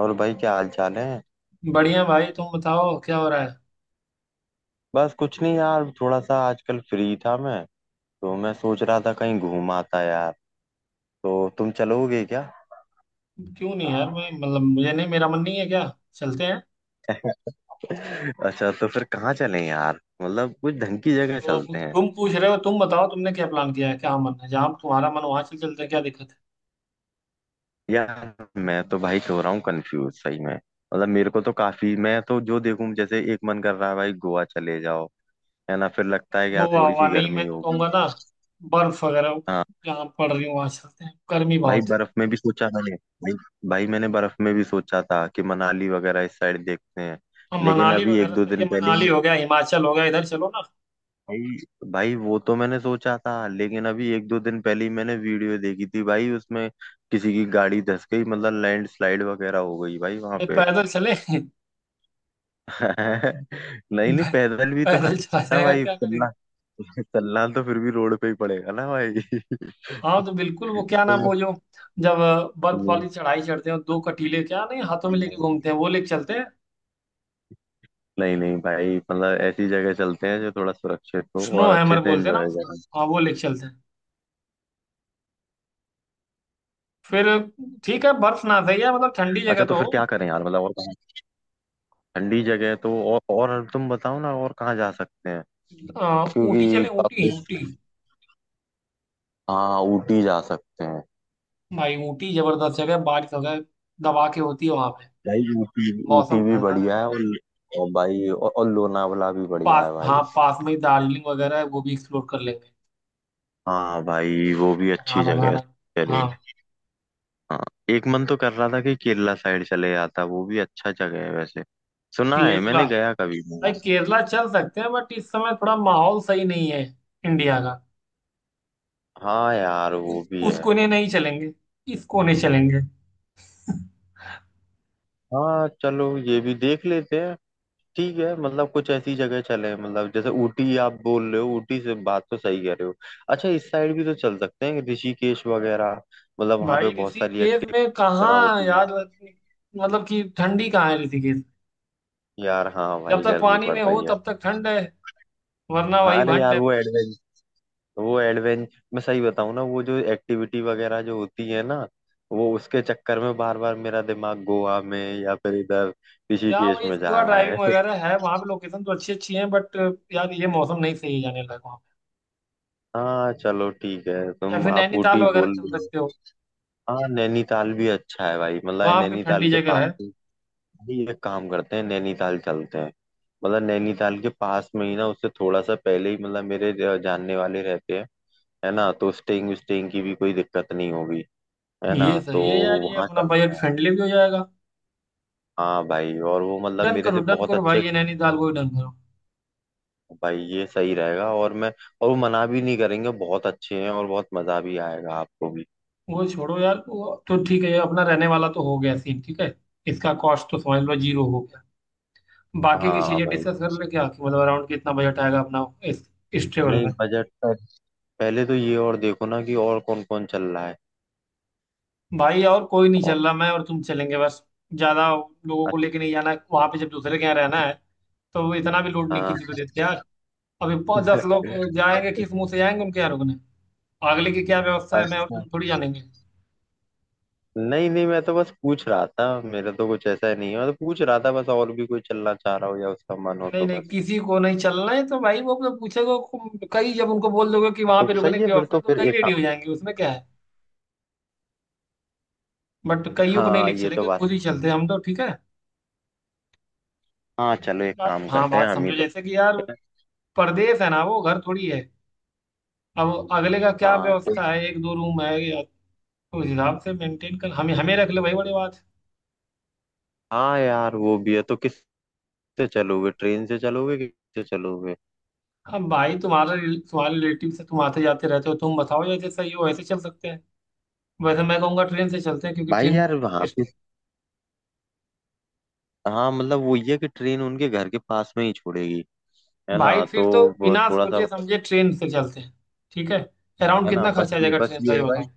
और भाई क्या हाल चाल है। बढ़िया भाई। तुम बताओ क्या हो रहा है। बस कुछ नहीं यार, थोड़ा सा आजकल फ्री था मैं। तो मैं सोच रहा था कहीं घूम आता यार। तो तुम चलोगे क्या? क्यों नहीं यार, मैं मतलब मुझे नहीं, मेरा मन नहीं है क्या। चलते हैं। अच्छा तो फिर कहाँ चलें यार? मतलब कुछ ढंग की जगह तो अब चलते हैं। तुम पूछ रहे हो, तुम बताओ तुमने क्या प्लान किया है, क्या मन है, जहाँ तुम्हारा मन वहां चल चलते हैं, क्या दिक्कत है। यार मैं तो भाई हो रहा हूँ कंफ्यूज सही में। मतलब मेरे को तो काफी, मैं तो जो देखूं, जैसे एक मन कर रहा है भाई गोवा चले जाओ। है ना? फिर लगता भाई है कि यार गोवा थोड़ी हुआ सी नहीं, गर्मी मैं तो होगी। कहूंगा ना बर्फ वगैरह हाँ। जहाँ पड़ रही है वहां चलते हैं, गर्मी भाई बहुत है। बर्फ में भी सोचा मैंने भाई। भाई मैंने बर्फ में भी सोचा था कि मनाली वगैरह इस साइड देखते हैं। अब लेकिन मनाली अभी एक वगैरह दो सही दिन है, पहले मनाली ही- हो गया, हिमाचल हो गया, इधर चलो ना। भाई। भाई वो तो मैंने सोचा था, लेकिन अभी एक दो दिन पहले ही मैंने वीडियो देखी थी भाई, उसमें किसी की गाड़ी धस गई, मतलब लैंडस्लाइड वगैरह हो गई भाई वहां अरे पे। पैदल चले। नहीं नहीं, पैदल भी तो पैदल चला खतरा है जाएगा, भाई क्या करेंगे। चलना। चलना तो फिर भी रोड पे ही पड़ेगा ना भाई। हाँ तो बिल्कुल, वो क्या तो नाम, वो जो जब बर्फ वाली चढ़ाई चढ़ते हैं दो कटीले, क्या नहीं हाथों में लेके ये- घूमते हैं, वो लेके चलते हैं। नहीं नहीं भाई, मतलब ऐसी जगह चलते हैं जो थोड़ा सुरक्षित हो स्नो और अच्छे हैमर से बोलते हैं ना एंजॉय उसको। करें। हाँ वो लेके चलते हैं। फिर ठीक है, बर्फ ना सही है मतलब, ठंडी जगह अच्छा तो तो फिर क्या हो। करें यार? मतलब और कहाँ? ठंडी जगह है तो, और तुम बताओ ना और कहाँ जा सकते हैं? ऊटी क्योंकि चले, ऊटी वापस। ऊटी। हाँ ऊटी जा सकते हैं। भाई ऊटी जबरदस्त जगह है, बारिश वगैरह दबा के होती है वहां पे, भाई ऊटी, ऊटी मौसम भी ठंडा बढ़िया है रहता है। और। और भाई, और लोनावला भी बढ़िया पास, है भाई। हाँ पास में ही दार्जिलिंग वगैरह है, वो भी एक्सप्लोर कर लेंगे। हाँ भाई क्या है वो कि भी अच्छी वहां जगह वहां है। है। चले। हाँ। हाँ। एक मन तो कर रहा था कि केरला साइड चले जाता, वो भी अच्छा जगह है वैसे। सुना है, केरला मैंने गया कभी नहीं भाई हूँ। केरला चल सकते हैं, बट इस समय थोड़ा माहौल सही नहीं है इंडिया का। हाँ यार वो भी उस है। कोने नहीं चलेंगे, इस कोने चलेंगे। हाँ चलो ये भी देख लेते हैं। ठीक है, मतलब कुछ ऐसी जगह चले। मतलब जैसे ऊटी आप बोल रहे हो, ऊटी से बात तो सही कह रहे हो। अच्छा, इस साइड भी तो चल सकते हैं, ऋषिकेश वगैरह। मतलब वहाँ पे भाई बहुत सारी ऋषिकेश एक्टिविटी में वगैरह कहाँ होती हैं यार, मतलब कि ठंडी कहाँ है ऋषिकेश। यार। हाँ जब भाई तक गर्मी पानी पड़ में हो रही है। तब तक ठंड है, वरना हाँ। वही अरे भंड यार है। वो एडवेंच, मैं सही बताऊँ ना, वो जो एक्टिविटी वगैरह जो होती है ना, वो उसके चक्कर में बार बार मेरा दिमाग गोवा में या फिर इधर क्या ऋषिकेश भाई, में जा स्कूबा रहा ड्राइविंग है। वगैरह है वहां पे, लोकेशन तो अच्छी अच्छी है, बट यार ये मौसम नहीं सही है जाने लायक वहाँ हाँ चलो ठीक है, पे। या तुम फिर आप नैनीताल ऊटी वगैरह बोल चल रहे हो। सकते हो, हाँ नैनीताल भी अच्छा है भाई। मतलब वहां पे नैनीताल ठंडी के जगह पास है। ही एक काम करते हैं, नैनीताल चलते हैं। मतलब नैनीताल के पास में ही ना, उससे थोड़ा सा पहले ही, मतलब मेरे जानने वाले रहते हैं। है ना? तो स्टेइंग स्टेइंग की भी कोई दिक्कत नहीं होगी। है ये ना? तो सही है यार, ये वहाँ अपना चलते बजट हैं। फ्रेंडली भी हो जाएगा। हाँ भाई, और वो मतलब मेरे से डन बहुत करो भाई, अच्छे ये नैनीताल को ही डन करो। भाई, ये सही रहेगा और मैं, और वो मना भी नहीं करेंगे, बहुत अच्छे हैं और बहुत मजा भी आएगा आपको भी। वो छोड़ो यार, वो तो ठीक है, ये अपना रहने वाला तो हो गया सीन ठीक है, इसका कॉस्ट तो समझ लो जीरो हो गया। बाकी की हाँ चीजें भाई। डिस्कस कर ले क्या, कि मतलब अराउंड कितना बजट आएगा अपना इस इस ट्रेवल नहीं, में। बजट पर पहले तो ये और देखो ना कि और कौन कौन चल रहा भाई और कोई नहीं है। चल रहा, मैं और तुम चलेंगे बस। ज्यादा लोगों को लेके नहीं जाना है वहां पे, जब दूसरे के यहाँ रहना है तो इतना भी लोड नहीं हाँ किसी को देते यार। अभी पाँच दस लोग जाएंगे किस मुंह से जाएंगे उनके यहाँ रुकने, अगले की क्या व्यवस्था है, मैं और तुम अच्छा। थोड़ी जानेंगे। नहीं नहीं, मैं तो बस पूछ रहा था, मेरा तो कुछ ऐसा नहीं है, मैं तो पूछ रहा था बस, और भी कोई चलना चाह रहा हो या उसका मन हो नहीं तो नहीं बस। किसी को नहीं चलना है तो भाई वो अपने पूछेगा कई, जब उनको बोल दोगे कि वहां तो पे रुकने सही है, की फिर व्यवस्था तो है, तो फिर कई एक रेडी काम। हो जाएंगे, उसमें क्या है। बट कईयों को नहीं हाँ लेके ये तो चलेंगे, बात। खुद ही चलते हैं हम तो ठीक है। हाँ चलो, नहीं, एक बात, काम हाँ करते हैं, बात हम ही समझो, जैसे कि दोस्त यार हैं। परदेश है ना, वो घर थोड़ी है। अब अगले का क्या हाँ तो, व्यवस्था है, एक दो रूम है तो उस हिसाब से मेंटेन कर हमें हमें रख ले भाई, बड़ी बात हाँ यार वो भी है। तो किससे चलोगे? ट्रेन से चलोगे कि किससे चलोगे? है। अब भाई तुम्हारा तुम्हारे रिलेटिव से तुम आते जाते रहते हो, तुम बताओ जैसे सही हो वैसे चल सकते हैं। वैसे मैं कहूंगा ट्रेन से चलते हैं क्योंकि भाई ट्रेन, यार वहाँ पे, हाँ मतलब वो ये है कि ट्रेन उनके घर के पास में ही छोड़ेगी। है भाई ना? तो फिर तो वो बिना थोड़ा सा सोचे मतलब, समझे ट्रेन से चलते हैं। ठीक है। अराउंड है ना, कितना खर्चा बस आ ये जाएगा बस ट्रेन का ये ये है भाई। बताओ।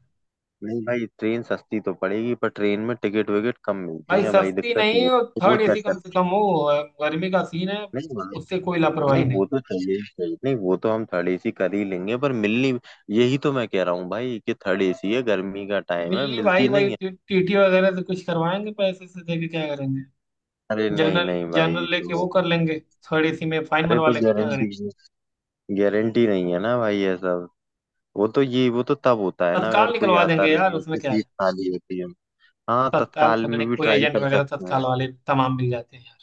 नहीं भाई, ट्रेन सस्ती तो पड़ेगी पर ट्रेन में टिकट विकेट कम मिलती भाई है भाई, सस्ती दिक्कत ये नहीं, और है। वो थर्ड चेक एसी कम कर, से कम हो, और गर्मी का सीन है, नहीं भाई। उससे कोई लापरवाही नहीं, नहीं। वो तो थर्ड एसी चाहिए, नहीं वो तो हम थर्ड एसी कर ही लेंगे पर मिलनी, यही तो मैं कह रहा हूँ भाई कि थर्ड एसी है, गर्मी का टाइम है, मिलनी भाई, मिलती भाई नहीं है। टीटी वगैरह से कुछ करवाएंगे पैसे से देके, क्या करेंगे अरे नहीं जनरल। नहीं भाई जनरल लेके वो तो, कर लेंगे, थर्ड एसी में फाइन अरे मरवा तो लेंगे, क्या गारंटी, करेंगे। गारंटी नहीं है ना भाई ये सब। वो तो तब होता है ना, तत्काल अगर कोई निकलवा आता देंगे नहीं यार, है, उसमें उसकी क्या सीट है। खाली होती है। हाँ तत्काल तत्काल पकड़े में भी कोई ट्राई एजेंट कर वगैरह, सकते हैं। तत्काल वाले तमाम मिल जाते हैं।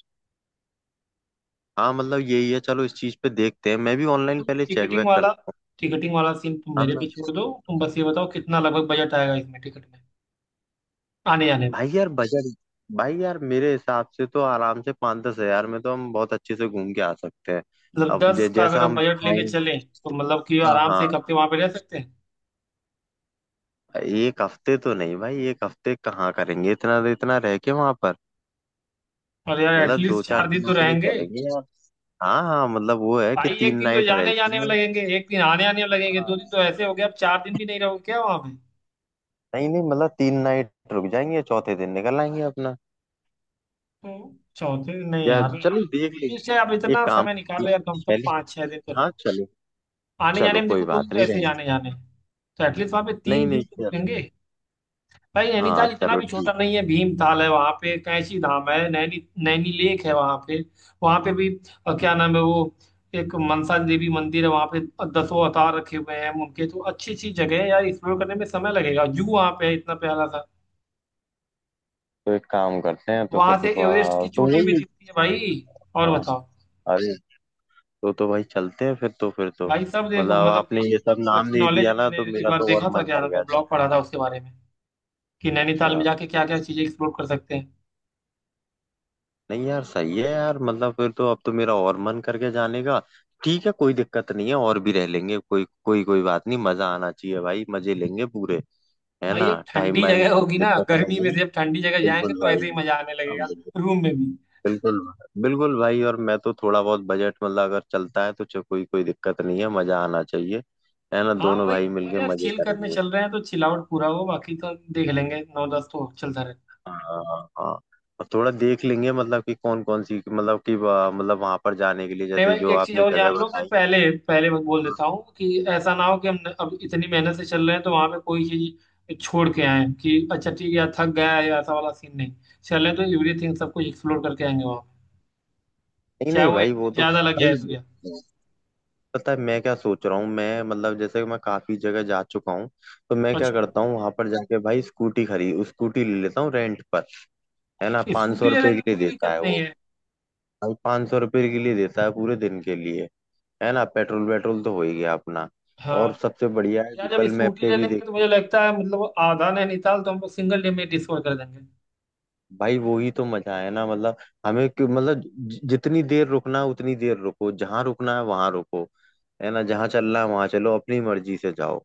हाँ मतलब यही है, चलो इस चीज पे देखते हैं, मैं भी ऑनलाइन तुम पहले चेक टिकटिंग वेक वाला करता। टिकटिंग वाला सीन तुम हम। मेरे पे छोड़ दो, तुम बस ये बताओ कितना लगभग बजट आएगा इसमें टिकट में, आने जाने में। भाई यार बजट, भाई यार मेरे हिसाब से तो आराम से 5-10 हज़ार में तो हम बहुत अच्छे से घूम के आ सकते हैं। मतलब अब दस का अगर जैसा हम हम बजट खाएं। लेके चलें तो मतलब कि हाँ आराम से हाँ। एक हफ्ते वहां पे रह सकते हैं। एक हफ्ते तो नहीं भाई, एक हफ्ते कहाँ करेंगे इतना, इतना रह के वहां पर। और यार मतलब दो एटलीस्ट चार 4 दिन तो दिनों के लिए रहेंगे। चलेंगे यार। हाँ हाँ, मतलब वो है कि भाई एक तीन दिन तो नाइट रह जाने जाने में जाएंगे। लगेंगे, एक दिन आने आने में लगेंगे, 2 दिन तो हाँ। ऐसे हो गए, अब 4 दिन भी नहीं रहोगे क्या वहां पे। नहीं नहीं, मतलब 3 नाइट रुक जाएंगे, चौथे दिन निकल आएंगे अपना। तो चौथे दिन नहीं यार यार, चलो देख इससे आप लेंगे, एक इतना काम समय निकालो यार, कम से कम पहले। 5-6 दिन तो हाँ रहो। चलो। आने चलो जाने में कोई देखो 2 दिन बात तो नहीं ऐसे ही रहे। आने जाने हैं। तो एटलीस्ट वहां पे नहीं 3 दिन नहीं। तो रुकेंगे। भाई हाँ नैनीताल इतना चलो भी छोटा ठीक। नहीं है, भीमताल है वहां पे, कैंची धाम है, नैनी नैनी लेक है वहां पे, वहां पे भी क्या नाम है वो, एक मनसा देवी मंदिर है वहां पे, दसों अवतार रखे हुए हैं उनके, तो अच्छी अच्छी जगह है यार, एक्सप्लोर करने में समय लगेगा। जू वहां पे है इतना प्यारा सा। तो एक काम करते हैं, तो वहां फिर से एवरेस्ट की तो चोटी भी वही। दिखती है भाई। और बताओ। अरे तो भाई चलते हैं फिर, तो फिर तो, भाई सब देखो मतलब मतलब कि आपने ये सब नाम अच्छी नहीं नॉलेज दिया है, ना, मैंने तो एक मेरा बार तो और देखा था, मन क्या कर नाम है, गया ब्लॉग पढ़ा जाने था उसके बारे में कि का। नैनीताल में अच्छा। जाके क्या क्या चीजें एक्सप्लोर कर सकते हैं। नहीं यार, सही है यार, मतलब फिर तो अब तो मेरा और मन करके जाने का। ठीक है, कोई दिक्कत नहीं है, और भी रह लेंगे, कोई कोई कोई बात नहीं, मजा आना चाहिए भाई, मजे लेंगे पूरे। है भाई ना? अब टाइम ठंडी वाइम जगह होगी ना, दिक्कत गर्मी नहीं में है। से अब ठंडी जगह जाएंगे बिल्कुल तो ऐसे भाई। ही मजा आने लगेगा, रूम में भी। बिल्कुल। बिल्कुल भाई, और मैं तो थोड़ा बहुत बजट, मतलब अगर चलता है तो कोई कोई दिक्कत नहीं है, मजा आना चाहिए। है ना? हाँ दोनों भाई, भाई अरे मिलके यार मजे चिल करने करेंगे। चल रहे हैं तो चिल आउट पूरा हो, बाकी तो देख लेंगे, नौ दस तो चलता रहे। हाँ हाँ हाँ। और थोड़ा देख लेंगे, मतलब कि कौन कौन सी, मतलब कि मतलब वहां पर जाने के लिए नहीं जैसे भाई जो एक चीज आपने और जगह जान लो कि बताई। पहले पहले मैं बोल देता हूँ कि ऐसा ना हो कि हम अब इतनी मेहनत से चल रहे हैं तो वहां पे कोई चीज छोड़ के आए कि अच्छा ठीक है यार, थक गया है या ऐसा वाला सीन नहीं, चल रहे हैं तो एवरीथिंग सब कुछ एक्सप्लोर करके आएंगे वहां, नहीं चाहे नहीं वो एक भाई, दिन वो तो ज्यादा लग भाई, जाए तो क्या। पता है मैं क्या सोच रहा हूँ मैं? मतलब जैसे मैं काफी जगह जा चुका हूँ, तो मैं क्या अच्छा करता हूँ, वहां पर जाके भाई स्कूटी खरीद, स्कूटी ले लेता हूँ रेंट पर। है ना? पाँच सौ स्कूटी ले रुपए के लेंगे, लिए कोई देता दिक्कत है नहीं वो। है। भाई 500 रुपये के लिए देता है पूरे दिन के लिए। है ना? पेट्रोल वेट्रोल तो हो ही गया अपना। और हाँ सबसे बढ़िया है, यार जब गूगल मैप स्कूटी पे ले भी लेंगे तो देखो। मुझे लगता है मतलब आधा नैनीताल तो हमको सिंगल डे में डिस्कवर कर देंगे। भाई वही तो मजा है ना, मतलब हमें क्यों? मतलब जितनी देर रुकना है उतनी देर रुको, जहाँ रुकना है वहां रुको। है ना? जहाँ चलना है वहां चलो, अपनी मर्जी से जाओ।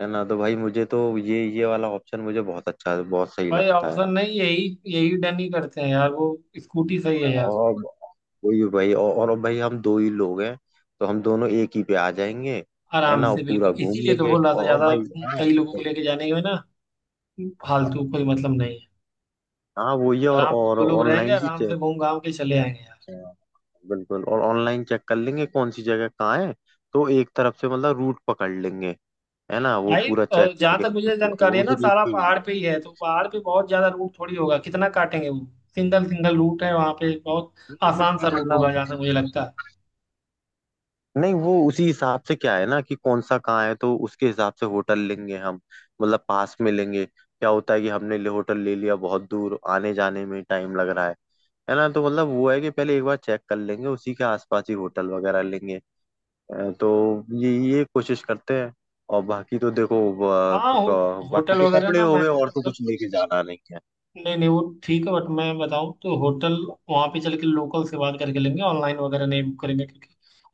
है ना? तो भाई मुझे तो ये वाला ऑप्शन, मुझे बहुत अच्छा, बहुत सही भाई लगता है। ऑप्शन नहीं, यही यही डन ही करते हैं यार वो, स्कूटी सही है यार। और वही भाई, और अब भाई हम दो ही लोग हैं, तो हम दोनों एक ही पे आ जाएंगे। है आराम ना? और से पूरा बिल्कुल, घूम इसीलिए तो लेंगे बोल रहा था, और ज्यादा भाई। हाँ कई लोगों को लेके जाने में ना फालतू हाँ। कोई मतलब नहीं है। हाँ, वही है। और आराम से और दो लोग रहेंगे, ऑनलाइन भी आराम से चेक, घूम घाम के चले आएंगे यार। बिल्कुल। और ऑनलाइन चेक कर लेंगे कौन सी जगह कहाँ है, तो एक तरफ से मतलब रूट पकड़ लेंगे। है ना? वो भाई पूरा चेक जहाँ तक मुझे करके, तो जानकारी है ना, उस रूट सारा पे ही पहाड़ मिलते हैं। पे ही है, तो पहाड़ पे बहुत ज्यादा रूट थोड़ी होगा, कितना काटेंगे वो। सिंगल सिंगल रूट है वहाँ पे, बहुत ठीक है, आसान तो सा रूट होगा मतलब, जहाँ तक मुझे लगता है। नहीं, वो उसी हिसाब से क्या है ना कि कौन सा कहाँ है, तो उसके हिसाब से होटल लेंगे हम। मतलब पास में लेंगे, क्या होता है कि हमने ले होटल ले लिया बहुत दूर, आने जाने में टाइम लग रहा है। है ना? तो मतलब वो है कि पहले एक बार चेक कर लेंगे, उसी के आसपास ही होटल वगैरह लेंगे। तो ये कोशिश करते हैं, और बाकी तो देखो, हाँ होटल बाकी तो वगैरह कपड़े ना हो गए, मैंने और तो मतलब, कुछ लेके जाना नहीं है। नहीं नहीं वो ठीक है, बट मैं बताऊँ तो होटल वहाँ पे चल के लोकल से बात करके लेंगे, ऑनलाइन वगैरह नहीं बुक करेंगे, क्योंकि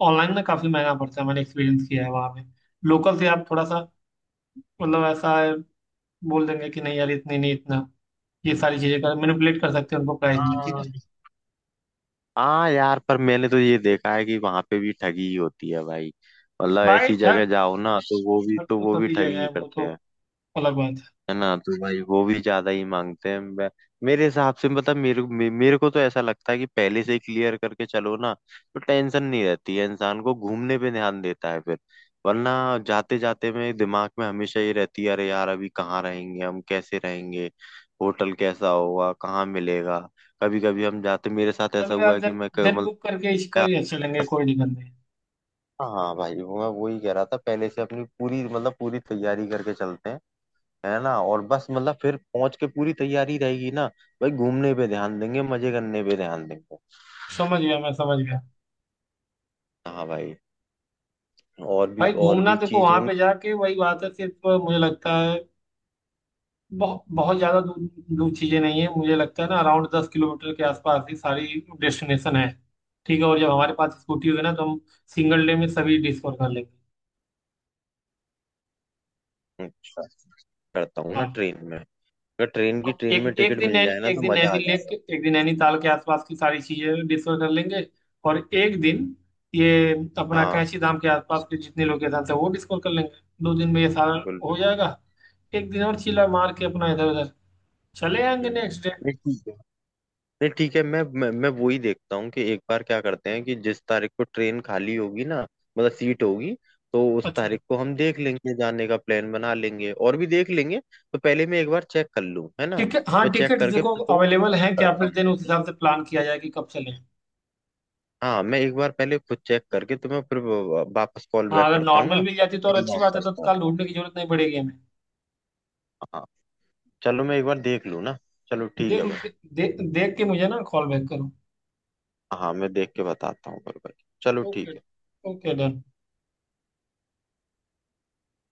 ऑनलाइन ना काफ़ी महंगा पड़ता है, मैंने एक्सपीरियंस किया है वहाँ पे, लोकल से आप थोड़ा सा मतलब ऐसा बोल देंगे कि नहीं यार इतने नहीं इतना, ये सारी चीज़ें कर मैनिपुलेट कर सकते हैं उनको प्राइस में, ठीक हाँ। है। हाँ यार, पर मैंने तो ये देखा है कि वहां पे भी ठगी ही होती है भाई। मतलब भाई ऐसी ठग, जगह जाओ ना, तो वो भी, ठग तो तो वो भी सभी ठगी जगह है, ही वो करते तो हैं। अलग बात है। है ना? तो भाई वो भी ज्यादा ही मांगते हैं। मेरे हिसाब से, मतलब मेरे को तो ऐसा लगता है कि पहले से ही क्लियर करके चलो ना, तो टेंशन नहीं रहती है, इंसान को घूमने पे ध्यान देता है फिर। वरना जाते जाते में दिमाग में हमेशा ये रहती है, अरे यार अभी कहाँ रहेंगे हम, कैसे रहेंगे, होटल कैसा होगा, कहाँ मिलेगा? कभी कभी हम जाते, मेरे साथ चलो ऐसा हुआ यार है कि दिन मैं दिन मतलब। बुक करके इसका ही चलेंगे, कोई दिक्कत नहीं। हाँ भाई वो मैं वही कह रहा था, पहले से अपनी पूरी, मतलब पूरी तैयारी करके चलते हैं। है ना? और बस मतलब फिर पहुंच के पूरी तैयारी रहेगी ना, भाई घूमने पे ध्यान देंगे, मजे करने पे ध्यान देंगे। समझ गया, मैं समझ गया। हाँ भाई, भाई और घूमना भी देखो, चीज वहां होंगी। पे जाके वही बात है, सिर्फ मुझे लगता है बहुत बहुत ज्यादा दूर दूर चीजें नहीं है, मुझे लगता है ना अराउंड 10 किलोमीटर के आसपास ही सारी डेस्टिनेशन है। ठीक है, और जब हमारे पास स्कूटी होगी ना तो हम सिंगल डे में सभी डिस्कवर कर लेंगे। अच्छा, करता हूँ ना हाँ, ट्रेन में। अगर ट्रेन की, और ट्रेन में एक एक टिकट दिन मिल जाए ना, एक दिन तो मजा नैनी आ लेक जाएगा। के, एक दिन नैनीताल के आसपास की सारी चीजें डिस्कवर कर लेंगे, और एक दिन ये अपना हाँ। कैंची धाम के आसपास के जितने लोकेशन है वो डिस्कवर कर लेंगे। 2 दिन में ये सारा बिल्कुल हो बिल्कुल। जाएगा। एक दिन और चिल्ला मार के अपना इधर उधर चले आएंगे हम्म। नेक्स्ट। नहीं, ठीक है। नहीं ठीक है, मैं वही देखता हूँ कि एक बार क्या करते हैं, कि जिस तारीख को ट्रेन खाली होगी ना, मतलब सीट होगी, तो उस अच्छा, तारीख को हम देख लेंगे, जाने का प्लान बना लेंगे और भी देख लेंगे। तो पहले मैं एक बार चेक कर लूँ, है ना? टिकट, हाँ मैं चेक टिकट करके देखो फिर तुम्हें कॉल अवेलेबल बैक है क्या, करता फिर देन उस हूँ। हिसाब से प्लान किया जाए कि कब चलें। हाँ मैं एक बार पहले खुद चेक करके तुम्हें फिर वापस कॉल हाँ बैक अगर करता हूँ नॉर्मल ना। मिल जाती तो और फिर अच्छी बात बात है, करता हूँ। तत्काल ढूंढने की जरूरत नहीं पड़ेगी हमें। हाँ चलो मैं एक बार देख लूँ ना। चलो ठीक देख है लो, भाई। दे, दे, देख के मुझे ना कॉल बैक करो। हाँ मैं देख के बताता हूँ फिर भाई, चलो ओके। ठीक है। Okay done.